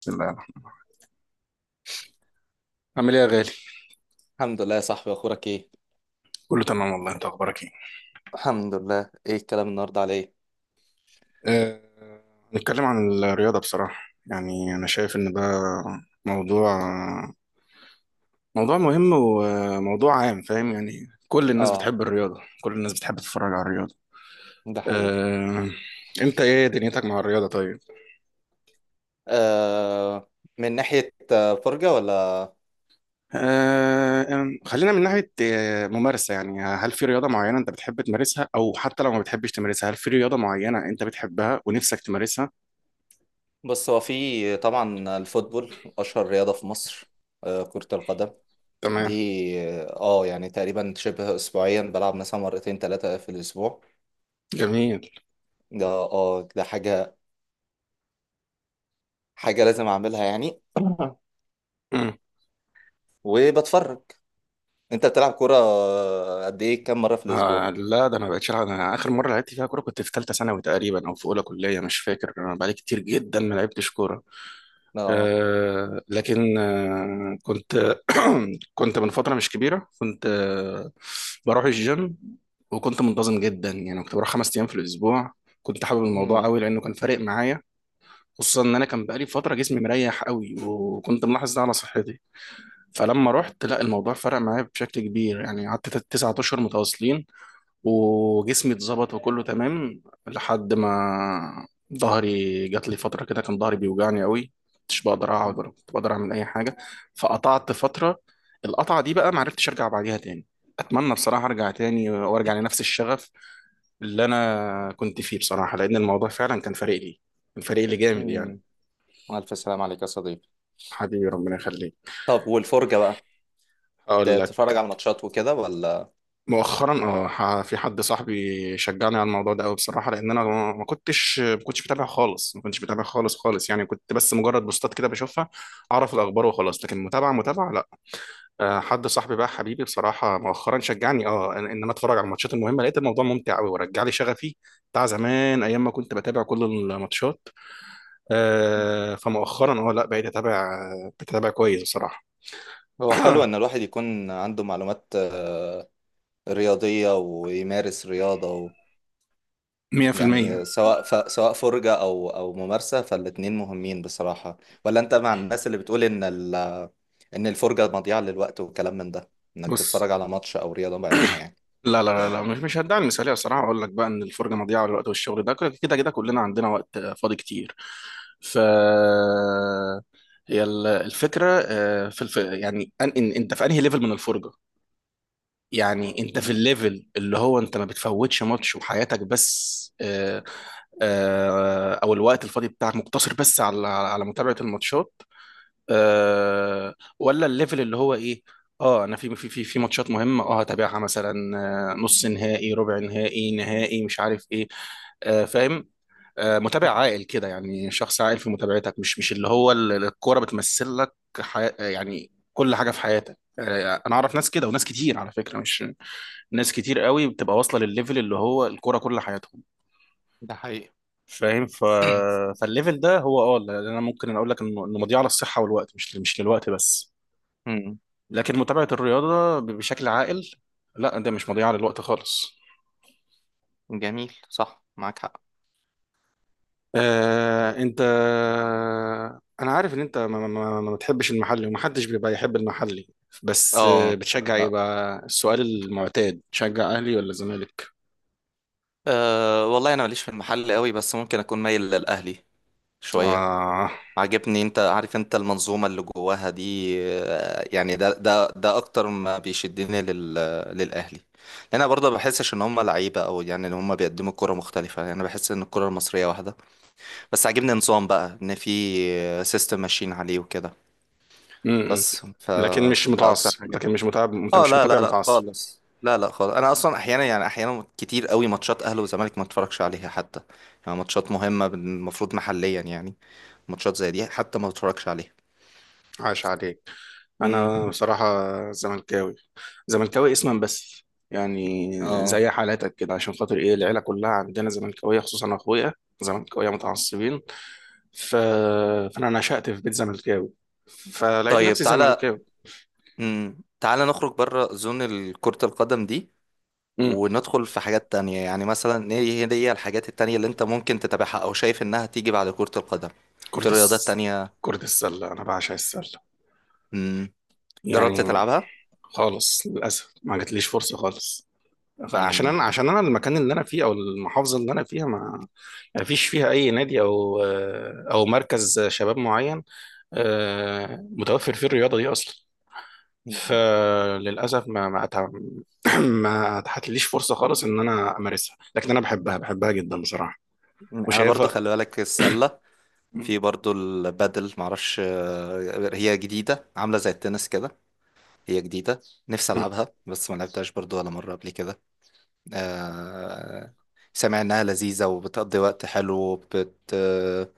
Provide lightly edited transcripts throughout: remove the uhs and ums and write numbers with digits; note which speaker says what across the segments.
Speaker 1: بسم الله الرحمن الرحيم. عامل ايه يا غالي؟
Speaker 2: الحمد لله يا صاحبي، اخبارك ايه؟
Speaker 1: كله تمام والله، انت اخبارك ايه؟
Speaker 2: الحمد لله. ايه الكلام النهارده؟ على ايه؟
Speaker 1: أه... نتكلم عن الرياضة بصراحة. يعني انا شايف ان ده موضوع موضوع مهم وموضوع عام، فاهم؟ يعني كل الناس
Speaker 2: اه،
Speaker 1: بتحب الرياضة، كل الناس بتحب تتفرج على الرياضة.
Speaker 2: ده حقيقي.
Speaker 1: أه... انت ايه دنيتك مع الرياضة طيب؟
Speaker 2: آه. من ناحية فرجة ولا؟
Speaker 1: أه... أم، خلينا من ناحية ممارسة. يعني هل في رياضة معينة انت بتحب تمارسها، او حتى لو ما بتحبش تمارسها هل في رياضة معينة انت بتحبها ونفسك تمارسها؟
Speaker 2: بص، هو في طبعا الفوتبول اشهر رياضة في مصر. كرة القدم. دي.
Speaker 1: تمام.
Speaker 2: يعني تقريبا شبه اسبوعيا بلعب مثلا مرتين ثلاثة في الاسبوع.
Speaker 1: جميل.
Speaker 2: ده حاجة لازم اعملها يعني. وبتفرج. انت بتلعب كورة قد ايه كم مرة في الاسبوع؟
Speaker 1: لا، ده انا بقيت شغال. انا اخر مره لعبت فيها كوره كنت في ثالثه ثانوي تقريبا او في اولى كليه، مش فاكر. انا بقالي كتير جدا ما لعبتش كوره.
Speaker 2: اه.
Speaker 1: آه لكن آه كنت كنت من فتره مش كبيره، كنت بروح الجيم، وكنت منتظم جدا. يعني كنت بروح خمس ايام في الاسبوع. كنت حابب الموضوع
Speaker 2: مم.
Speaker 1: قوي لانه كان فارق معايا، خصوصا ان انا كان بقالي فتره جسمي مريح قوي، وكنت ملاحظ ده على صحتي. فلما رحت، لا، الموضوع فرق معايا بشكل كبير. يعني قعدت تسعة اشهر متواصلين وجسمي اتظبط وكله تمام، لحد ما ظهري جات لي فترة كده كان ظهري بيوجعني قوي، مش بقدر اقعد ولا كنت بقدر اعمل اي حاجة. فقطعت فترة، القطعة دي بقى معرفتش ارجع بعديها تاني. اتمنى بصراحة ارجع تاني وارجع لنفس الشغف اللي انا كنت فيه بصراحة، لان الموضوع فعلا كان فارق لي، كان فارق لي جامد
Speaker 2: مم.
Speaker 1: يعني.
Speaker 2: الف سلام عليك يا صديقي.
Speaker 1: حبيبي، ربنا يخليك.
Speaker 2: طب والفرجة بقى؟
Speaker 1: هقول.
Speaker 2: تتفرج على الماتشات وكده ولا؟
Speaker 1: مؤخرا، في حد صاحبي شجعني على الموضوع ده قوي بصراحه، لان انا ما كنتش بتابع خالص، ما كنتش بتابع خالص. يعني كنت بس مجرد بوستات كده بشوفها اعرف الاخبار وخلاص، لكن متابعه متابعه لا. حد صاحبي بقى، حبيبي بصراحه، مؤخرا شجعني ان انا اتفرج على الماتشات المهمه. لقيت الموضوع ممتع قوي ورجع لي شغفي بتاع زمان، ايام ما كنت بتابع كل الماتشات. فمؤخرا لا، بقيت اتابع كويس بصراحه.
Speaker 2: هو حلو ان الواحد يكون عنده معلومات رياضية ويمارس رياضة
Speaker 1: 100%.
Speaker 2: يعني سواء فرجة او ممارسة، فالاتنين مهمين بصراحة. ولا انت مع الناس اللي بتقول ان الفرجة مضيعة للوقت وكلام من ده، انك
Speaker 1: بص،
Speaker 2: تتفرج على ماتش او رياضة بعينها يعني؟
Speaker 1: لا، مش هدعي المثاليه. الصراحه اقول لك بقى ان الفرجه مضيعه للوقت والشغل ده، كده كده كده كلنا عندنا وقت فاضي كتير. ف هي الفكره آه، في الف... يعني أن... إن... انت في انهي ليفل من الفرجه. يعني انت في الليفل اللي هو انت ما بتفوتش ماتش وحياتك، بس او الوقت الفاضي بتاعك مقتصر بس على متابعه الماتشات، أه، ولا الليفل اللي هو ايه؟ اه انا في ماتشات مهمه اه هتابعها، مثلا نص نهائي، ربع نهائي، نهائي، مش عارف ايه. آه فاهم آه متابع عاقل كده، يعني شخص عاقل في متابعتك، مش اللي هو الكوره بتمثل لك يعني كل حاجه في حياتك. انا اعرف ناس كده، وناس كتير على فكره، مش ناس كتير قوي بتبقى واصله للليفل اللي هو الكوره كل حياتهم.
Speaker 2: ده حقيقي.
Speaker 1: فاهم؟ فالليفل ده هو اللي انا ممكن اقول لك انه مضيعه للصحه والوقت، مش للوقت بس.
Speaker 2: امم.
Speaker 1: لكن متابعة الرياضة بشكل عاقل، لا، ده مش مضيعة للوقت خالص.
Speaker 2: جميل، صح، معاك حق.
Speaker 1: انت، انا عارف ان انت ما بتحبش المحلي، ومحدش بيبقى يحب المحلي، بس
Speaker 2: اه،
Speaker 1: بتشجع ايه
Speaker 2: لا.
Speaker 1: بقى؟ السؤال المعتاد، تشجع اهلي ولا زمالك؟
Speaker 2: والله انا ماليش في المحل قوي، بس ممكن اكون مايل للاهلي شوية.
Speaker 1: اه.
Speaker 2: عاجبني، انت عارف المنظومة اللي جواها دي. يعني ده اكتر ما بيشدني للاهلي. لان انا برضه ما بحسش ان هم لعيبة، او يعني ان هم بيقدموا كرة مختلفة، يعني انا بحس ان الكرة المصرية واحدة. بس عاجبني نظام بقى، ان في سيستم ماشيين عليه وكده.
Speaker 1: م -م.
Speaker 2: بس
Speaker 1: لكن مش
Speaker 2: فده اكتر
Speaker 1: متعصب،
Speaker 2: حاجة.
Speaker 1: لكن مش متابع. انت
Speaker 2: اه،
Speaker 1: مش
Speaker 2: لا لا
Speaker 1: متابع
Speaker 2: لا
Speaker 1: متعصب.
Speaker 2: خالص، لا لا خالص، انا اصلا احيانا، يعني احيانا كتير قوي ماتشات اهلي وزمالك ما اتفرجش عليها حتى. يعني ماتشات مهمة المفروض محليا، يعني ماتشات زي دي حتى ما اتفرجش عليها.
Speaker 1: عاش عليك.
Speaker 2: امم.
Speaker 1: انا بصراحه زملكاوي، زملكاوي اسما بس يعني، زي
Speaker 2: اه.
Speaker 1: حالاتك كده. عشان خاطر ايه؟ العيله كلها عندنا زملكاويه، خصوصا اخويا، زملكاويه متعصبين. ف... فانا نشأت في بيت زملكاوي، فلقيت
Speaker 2: طيب،
Speaker 1: نفسي
Speaker 2: تعالى.
Speaker 1: زملكاوي.
Speaker 2: تعالى نخرج بره زون كرة القدم دي،
Speaker 1: امم.
Speaker 2: وندخل في حاجات تانية، يعني مثلا ايه؟ هي الحاجات التانية اللي انت ممكن تتابعها او شايف انها تيجي بعد كرة القدم، في
Speaker 1: كرة
Speaker 2: رياضات
Speaker 1: الس...
Speaker 2: تانية؟
Speaker 1: كرة السله، انا بعشق السله
Speaker 2: امم. جربت
Speaker 1: يعني.
Speaker 2: تلعبها؟
Speaker 1: خالص للاسف ما جاتليش فرصه خالص، فعشان
Speaker 2: امم.
Speaker 1: انا، عشان انا المكان اللي انا فيه، او المحافظه اللي انا فيها، ما ما فيش فيها اي نادي او او مركز شباب معين متوفر فيه الرياضة دي أصلا.
Speaker 2: أمم.
Speaker 1: فللأسف ما ما أتع... ما اتحتليش فرصة خالص إن أنا أمارسها، لكن أنا بحبها، بحبها جدا بصراحة،
Speaker 2: انا برضو
Speaker 1: وشايفها.
Speaker 2: خلي بالك السلة.
Speaker 1: م-
Speaker 2: في برضو البادل، معرفش هي جديدة، عاملة زي التنس كده. هي جديدة. نفسي
Speaker 1: م-
Speaker 2: العبها بس ما لعبتهاش برضو ولا مرة قبل كده. آه، سامع انها لذيذة، وبتقضي وقت حلو،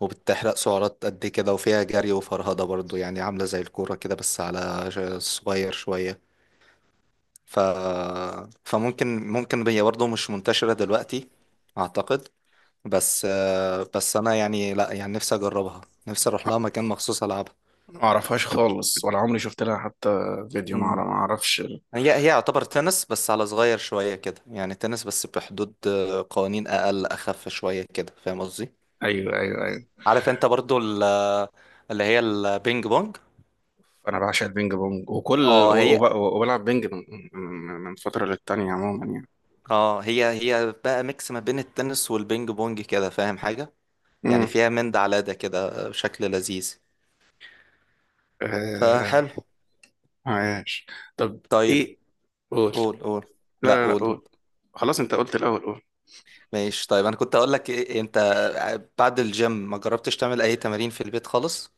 Speaker 2: وبتحرق سعرات قد كده، وفيها جري وفرهدة برضو، يعني عاملة زي الكورة كده بس على صغير شوية. ف... فممكن هي برضو مش منتشرة دلوقتي، أعتقد. بس بس أنا يعني لا، يعني نفسي أجربها. نفسي أروح لها مكان مخصوص ألعبها.
Speaker 1: ما أعرفهاش خالص، ولا عمري شفت لها حتى فيديو.
Speaker 2: مم.
Speaker 1: ما أعرفش.
Speaker 2: هي يعتبر تنس بس على صغير شوية كده، يعني تنس بس بحدود قوانين أقل أخف شوية كده، فاهم قصدي؟
Speaker 1: أيوه أيوه أيوه،
Speaker 2: عارف انت برضو اللي هي البينج بونج؟
Speaker 1: أنا بعشق البينج بونج،
Speaker 2: اه هي
Speaker 1: وبلعب بينج من فترة للتانية عموما يعني.
Speaker 2: اه هي هي بقى ميكس ما بين التنس والبينج بونج كده، فاهم حاجة؟ يعني
Speaker 1: امم.
Speaker 2: فيها من ده على ده كده بشكل لذيذ.
Speaker 1: آه...
Speaker 2: فحلو.
Speaker 1: عايش. طب.
Speaker 2: طيب.
Speaker 1: إيه. قول.
Speaker 2: قول، قول.
Speaker 1: لا
Speaker 2: لا،
Speaker 1: لا لا
Speaker 2: قول
Speaker 1: قول.
Speaker 2: انت.
Speaker 1: خلاص، أنت قلت الأول، قول.
Speaker 2: ماشي، طيب انا كنت اقول لك إيه إيه، انت بعد الجيم ما جربتش تعمل اي تمارين في البيت خالص؟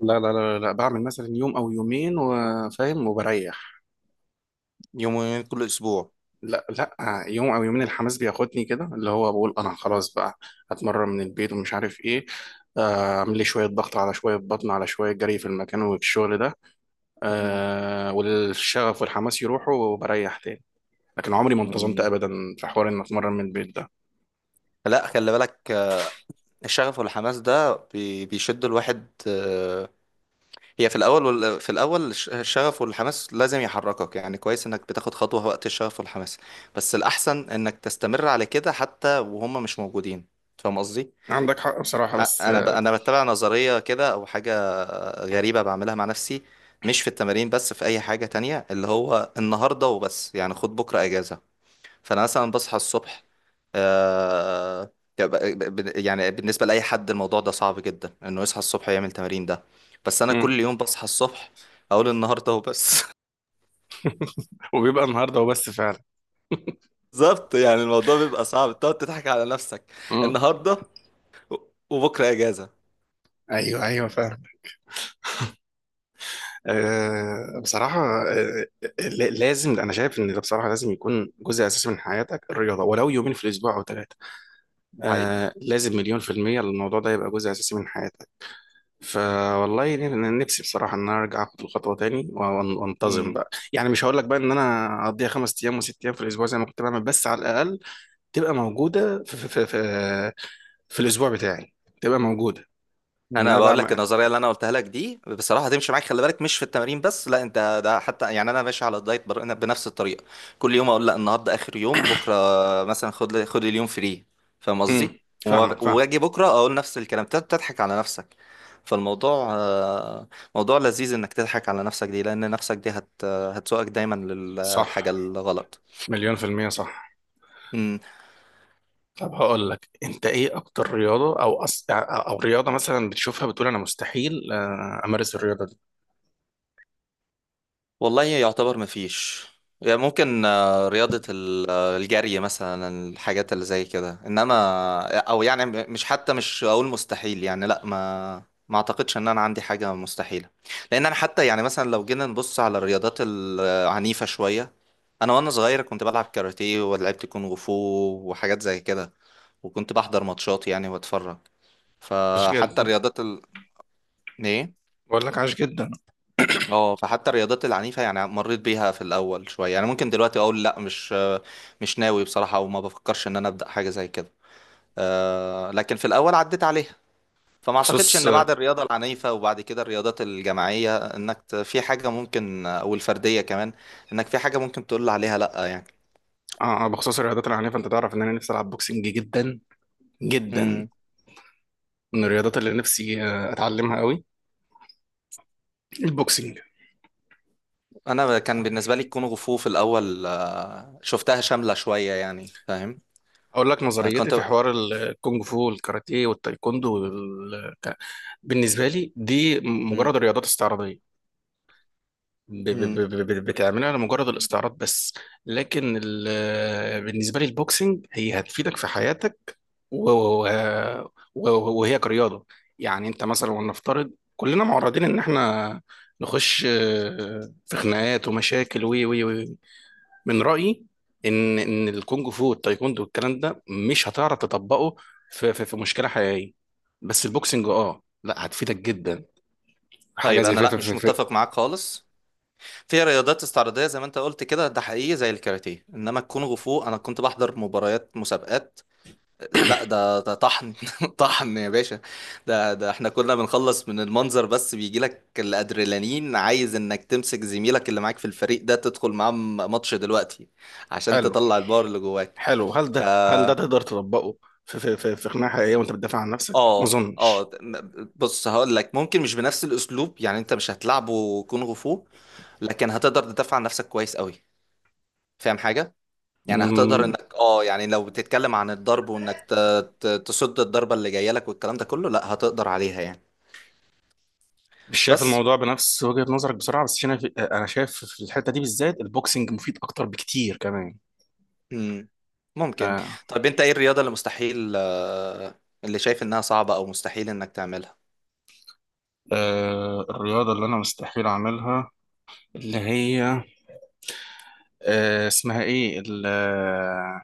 Speaker 1: لا لا، لا لا بعمل مثلا يوم او يومين وفاهم وبريح.
Speaker 2: يومين كل اسبوع؟
Speaker 1: لا لا يوم او يومين، الحماس بياخدني كده، اللي هو بقول انا خلاص بقى هتمرن من البيت ومش عارف ايه، اعمل لي شويه ضغط على شويه بطن على شويه جري في المكان وفي الشغل ده.
Speaker 2: مم.
Speaker 1: والشغف والحماس يروحوا، وبريح تاني. لكن عمري ما انتظمت
Speaker 2: مم.
Speaker 1: ابدا في حوار ان اتمرن من البيت ده.
Speaker 2: لا، خلي بالك، الشغف والحماس ده بيشد الواحد هي في الاول في الاول الشغف والحماس لازم يحركك، يعني كويس انك بتاخد خطوة وقت الشغف والحماس. بس الاحسن انك تستمر على كده حتى وهم مش موجودين. فاهم قصدي؟
Speaker 1: عندك حق بصراحه، بس
Speaker 2: انا ب... انا بتبع نظرية كده او حاجة غريبة بعملها مع نفسي. مش في التمارين بس، في اي حاجة تانية، اللي هو النهاردة وبس، يعني خد بكرة اجازة. فانا مثلا بصحى الصبح، آه، يعني بالنسبه لاي حد الموضوع ده صعب جدا انه يصحى الصبح يعمل تمارين ده. بس انا
Speaker 1: مم.
Speaker 2: كل يوم بصحى الصبح اقول النهارده وبس.
Speaker 1: وبيبقى النهارده وبس فعلا.
Speaker 2: بالظبط، يعني الموضوع بيبقى صعب تقعد تضحك على نفسك.
Speaker 1: مم.
Speaker 2: النهارده و- وبكره اجازه.
Speaker 1: ايوه ايوه، فاهم. آه، بصراحة آه، لا- لازم، أنا شايف إن ده بصراحة لازم يكون جزء أساسي من حياتك الرياضة، ولو يومين في الأسبوع أو ثلاثة.
Speaker 2: ده حقيقي.
Speaker 1: لازم، مليون في المية الموضوع ده يبقى جزء أساسي من حياتك. فوالله، نفسي بصراحة إن أنا أرجع أخد الخطوة تاني وأنتظم
Speaker 2: مم.
Speaker 1: بقى. يعني مش هقول لك بقى إن أنا أقضيها خمس أيام وست أيام في الأسبوع زي ما كنت بعمل، بس على الأقل تبقى موجودة في الأسبوع بتاعي، تبقى موجودة. إن
Speaker 2: انا
Speaker 1: أنا
Speaker 2: بقول لك
Speaker 1: بعمل.
Speaker 2: النظريه اللي انا قلتها لك دي بصراحه هتمشي معاك، خلي بالك مش في التمارين بس، لا انت ده حتى، يعني انا ماشي على الدايت بنفس الطريقه. كل يوم اقول لا، النهارده اخر يوم، بكره مثلا خد اليوم فري. فاهم
Speaker 1: امم.
Speaker 2: قصدي؟
Speaker 1: فاهمك، فاهم.
Speaker 2: واجي بكره اقول نفس الكلام، تضحك على نفسك. فالموضوع موضوع لذيذ انك تضحك على نفسك دي، لان نفسك دي هتسوقك دايما
Speaker 1: صح،
Speaker 2: للحاجه الغلط.
Speaker 1: مليون في المية، صح. طب هقول لك، انت ايه اكتر رياضه، او رياضه مثلا بتشوفها بتقول انا مستحيل امارس الرياضه دي؟
Speaker 2: والله يعتبر مفيش. يعني ممكن رياضة الجري مثلا، الحاجات اللي زي كده، انما او يعني مش، حتى مش اقول مستحيل، يعني لا، ما اعتقدش ان انا عندي حاجة مستحيلة. لان انا حتى، يعني مثلا لو جينا نبص على الرياضات العنيفة شوية، انا وانا صغير كنت بلعب كاراتيه ولعبت كونغ فو وحاجات زي كده، وكنت بحضر ماتشات يعني واتفرج.
Speaker 1: عاش
Speaker 2: فحتى
Speaker 1: جدا.
Speaker 2: الرياضات ال... ايه.
Speaker 1: بقول لك عاش جدا.
Speaker 2: اه فحتى الرياضات العنيفة، يعني مريت بيها في الأول شوية، يعني ممكن دلوقتي أقول لأ، مش ناوي بصراحة، وما بفكرش إن أنا أبدأ حاجة زي كده. لكن في الأول عديت عليها. فما أعتقدش
Speaker 1: بخصوص
Speaker 2: إن بعد
Speaker 1: اه
Speaker 2: الرياضة العنيفة وبعد كده الرياضات الجماعية في حاجة ممكن أو الفردية كمان، إنك في حاجة ممكن تقول عليها لأ يعني.
Speaker 1: آه، بخصوص الرياضات العنيفه، انت تعرف ان انا نفسي العب بوكسنج جدا جدا.
Speaker 2: مم.
Speaker 1: من الرياضات اللي نفسي اتعلمها قوي، البوكسنج.
Speaker 2: أنا كان بالنسبة لي الكونغ فو في الأول شفتها شاملة شوية يعني، فاهم.
Speaker 1: اقول لك
Speaker 2: أنا
Speaker 1: نظريتي
Speaker 2: كنت.
Speaker 1: في حوار الكونغ فو والكاراتيه والتايكوندو بالنسبه لي دي
Speaker 2: مم.
Speaker 1: مجرد رياضات استعراضيه.
Speaker 2: مم.
Speaker 1: بتعملها لمجرد الاستعراض بس. لكن بالنسبه لي البوكسنج هي هتفيدك في حياتك، وهي كرياضه، يعني انت مثلا ولنفترض كلنا معرضين ان احنا نخش في خناقات ومشاكل و و و من رايي ان الكونج فو والتايكوندو والكلام ده مش هتعرف تطبقه في مشكله حقيقيه، بس البوكسنج، اه، لا، هتفيدك جدا. حاجه
Speaker 2: طيب
Speaker 1: زي
Speaker 2: أنا لأ، مش متفق معاك خالص. في رياضات استعراضية زي ما انت قلت كده، ده حقيقي، زي الكاراتيه، انما الكونغ فو انا كنت بحضر مباريات مسابقات. لا، ده طحن طحن يا باشا. ده احنا كنا بنخلص من المنظر بس بيجي لك الادرينالين، عايز انك تمسك زميلك اللي معاك في الفريق ده تدخل معاه ماتش دلوقتي، عشان
Speaker 1: حلو،
Speaker 2: تطلع الباور اللي جواك.
Speaker 1: حلو. هل
Speaker 2: ف
Speaker 1: ده، هل ده تقدر تطبقه في في خناقه حقيقيه وانت بتدافع عن نفسك؟ ما
Speaker 2: اه،
Speaker 1: اظنش.
Speaker 2: اه، بص هقول لك ممكن مش بنفس الاسلوب، يعني انت مش هتلعبه كونغ فو، لكن هتقدر تدافع عن نفسك كويس قوي، فاهم حاجة؟ يعني هتقدر
Speaker 1: مم،
Speaker 2: انك يعني لو بتتكلم عن الضرب وانك تصد الضربة اللي جاية لك والكلام ده كله، لا هتقدر عليها يعني.
Speaker 1: مش شايف
Speaker 2: بس.
Speaker 1: الموضوع بنفس وجهه نظرك بسرعه، بس انا انا شايف في الحته دي بالذات البوكسنج مفيد اكتر بكتير كمان.
Speaker 2: مم. ممكن.
Speaker 1: آه.
Speaker 2: طب انت ايه الرياضة اللي مستحيل اللي شايف انها صعبة او مستحيل انك تعملها؟
Speaker 1: آه، الرياضه اللي انا مستحيل اعملها، اللي هي آه اسمها ايه ال- آه،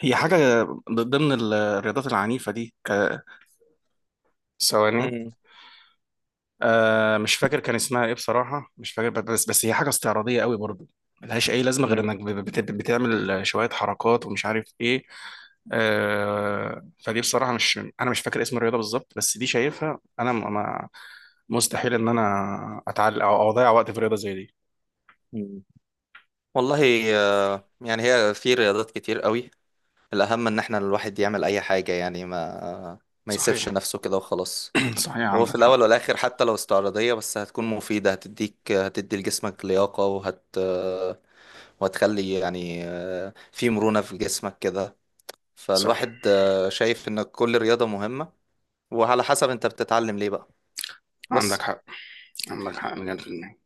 Speaker 1: هي حاجه ضمن الرياضات العنيفه دي ثواني.
Speaker 2: مم.
Speaker 1: مش فاكر كان اسمها ايه بصراحة، مش فاكر، بس هي حاجة استعراضية قوي برضو، ملهاش اي لازمة غير
Speaker 2: مم.
Speaker 1: انك بتعمل شوية حركات ومش عارف ايه. فدي بصراحة، مش انا مش فاكر اسم الرياضة بالظبط، بس دي شايفها انا م- ما مستحيل ان انا اتعلق او اضيع وقت في رياضة زي دي.
Speaker 2: مم. والله يعني هي في رياضات كتير قوي. الأهم إن احنا الواحد يعمل أي حاجة، يعني ما يسيبش
Speaker 1: صحيح.
Speaker 2: نفسه كده وخلاص.
Speaker 1: صحيح،
Speaker 2: وفي
Speaker 1: عندك حق.
Speaker 2: الأول والآخر حتى لو استعراضية، بس هتكون مفيدة، هتدي لجسمك لياقة وتخلي يعني في مرونة في جسمك كده.
Speaker 1: صح،
Speaker 2: فالواحد شايف ان كل رياضة مهمة، وعلى حسب انت بتتعلم ليه بقى.
Speaker 1: عندك
Speaker 2: بس.
Speaker 1: حق. عندك حق، مليون في المية.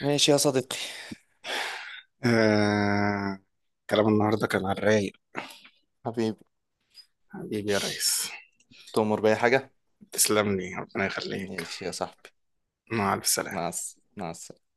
Speaker 2: ماشي يا صديقي.
Speaker 1: آه. كلام النهاردة كان على الرايق.
Speaker 2: حبيبي.
Speaker 1: حبيبي يا ريس.
Speaker 2: تؤمر بأي حاجة.
Speaker 1: تسلم لي، ربنا يخليك.
Speaker 2: ماشي يا صاحبي.
Speaker 1: مع الف
Speaker 2: مع
Speaker 1: سلامة.
Speaker 2: الس- مع السلامة.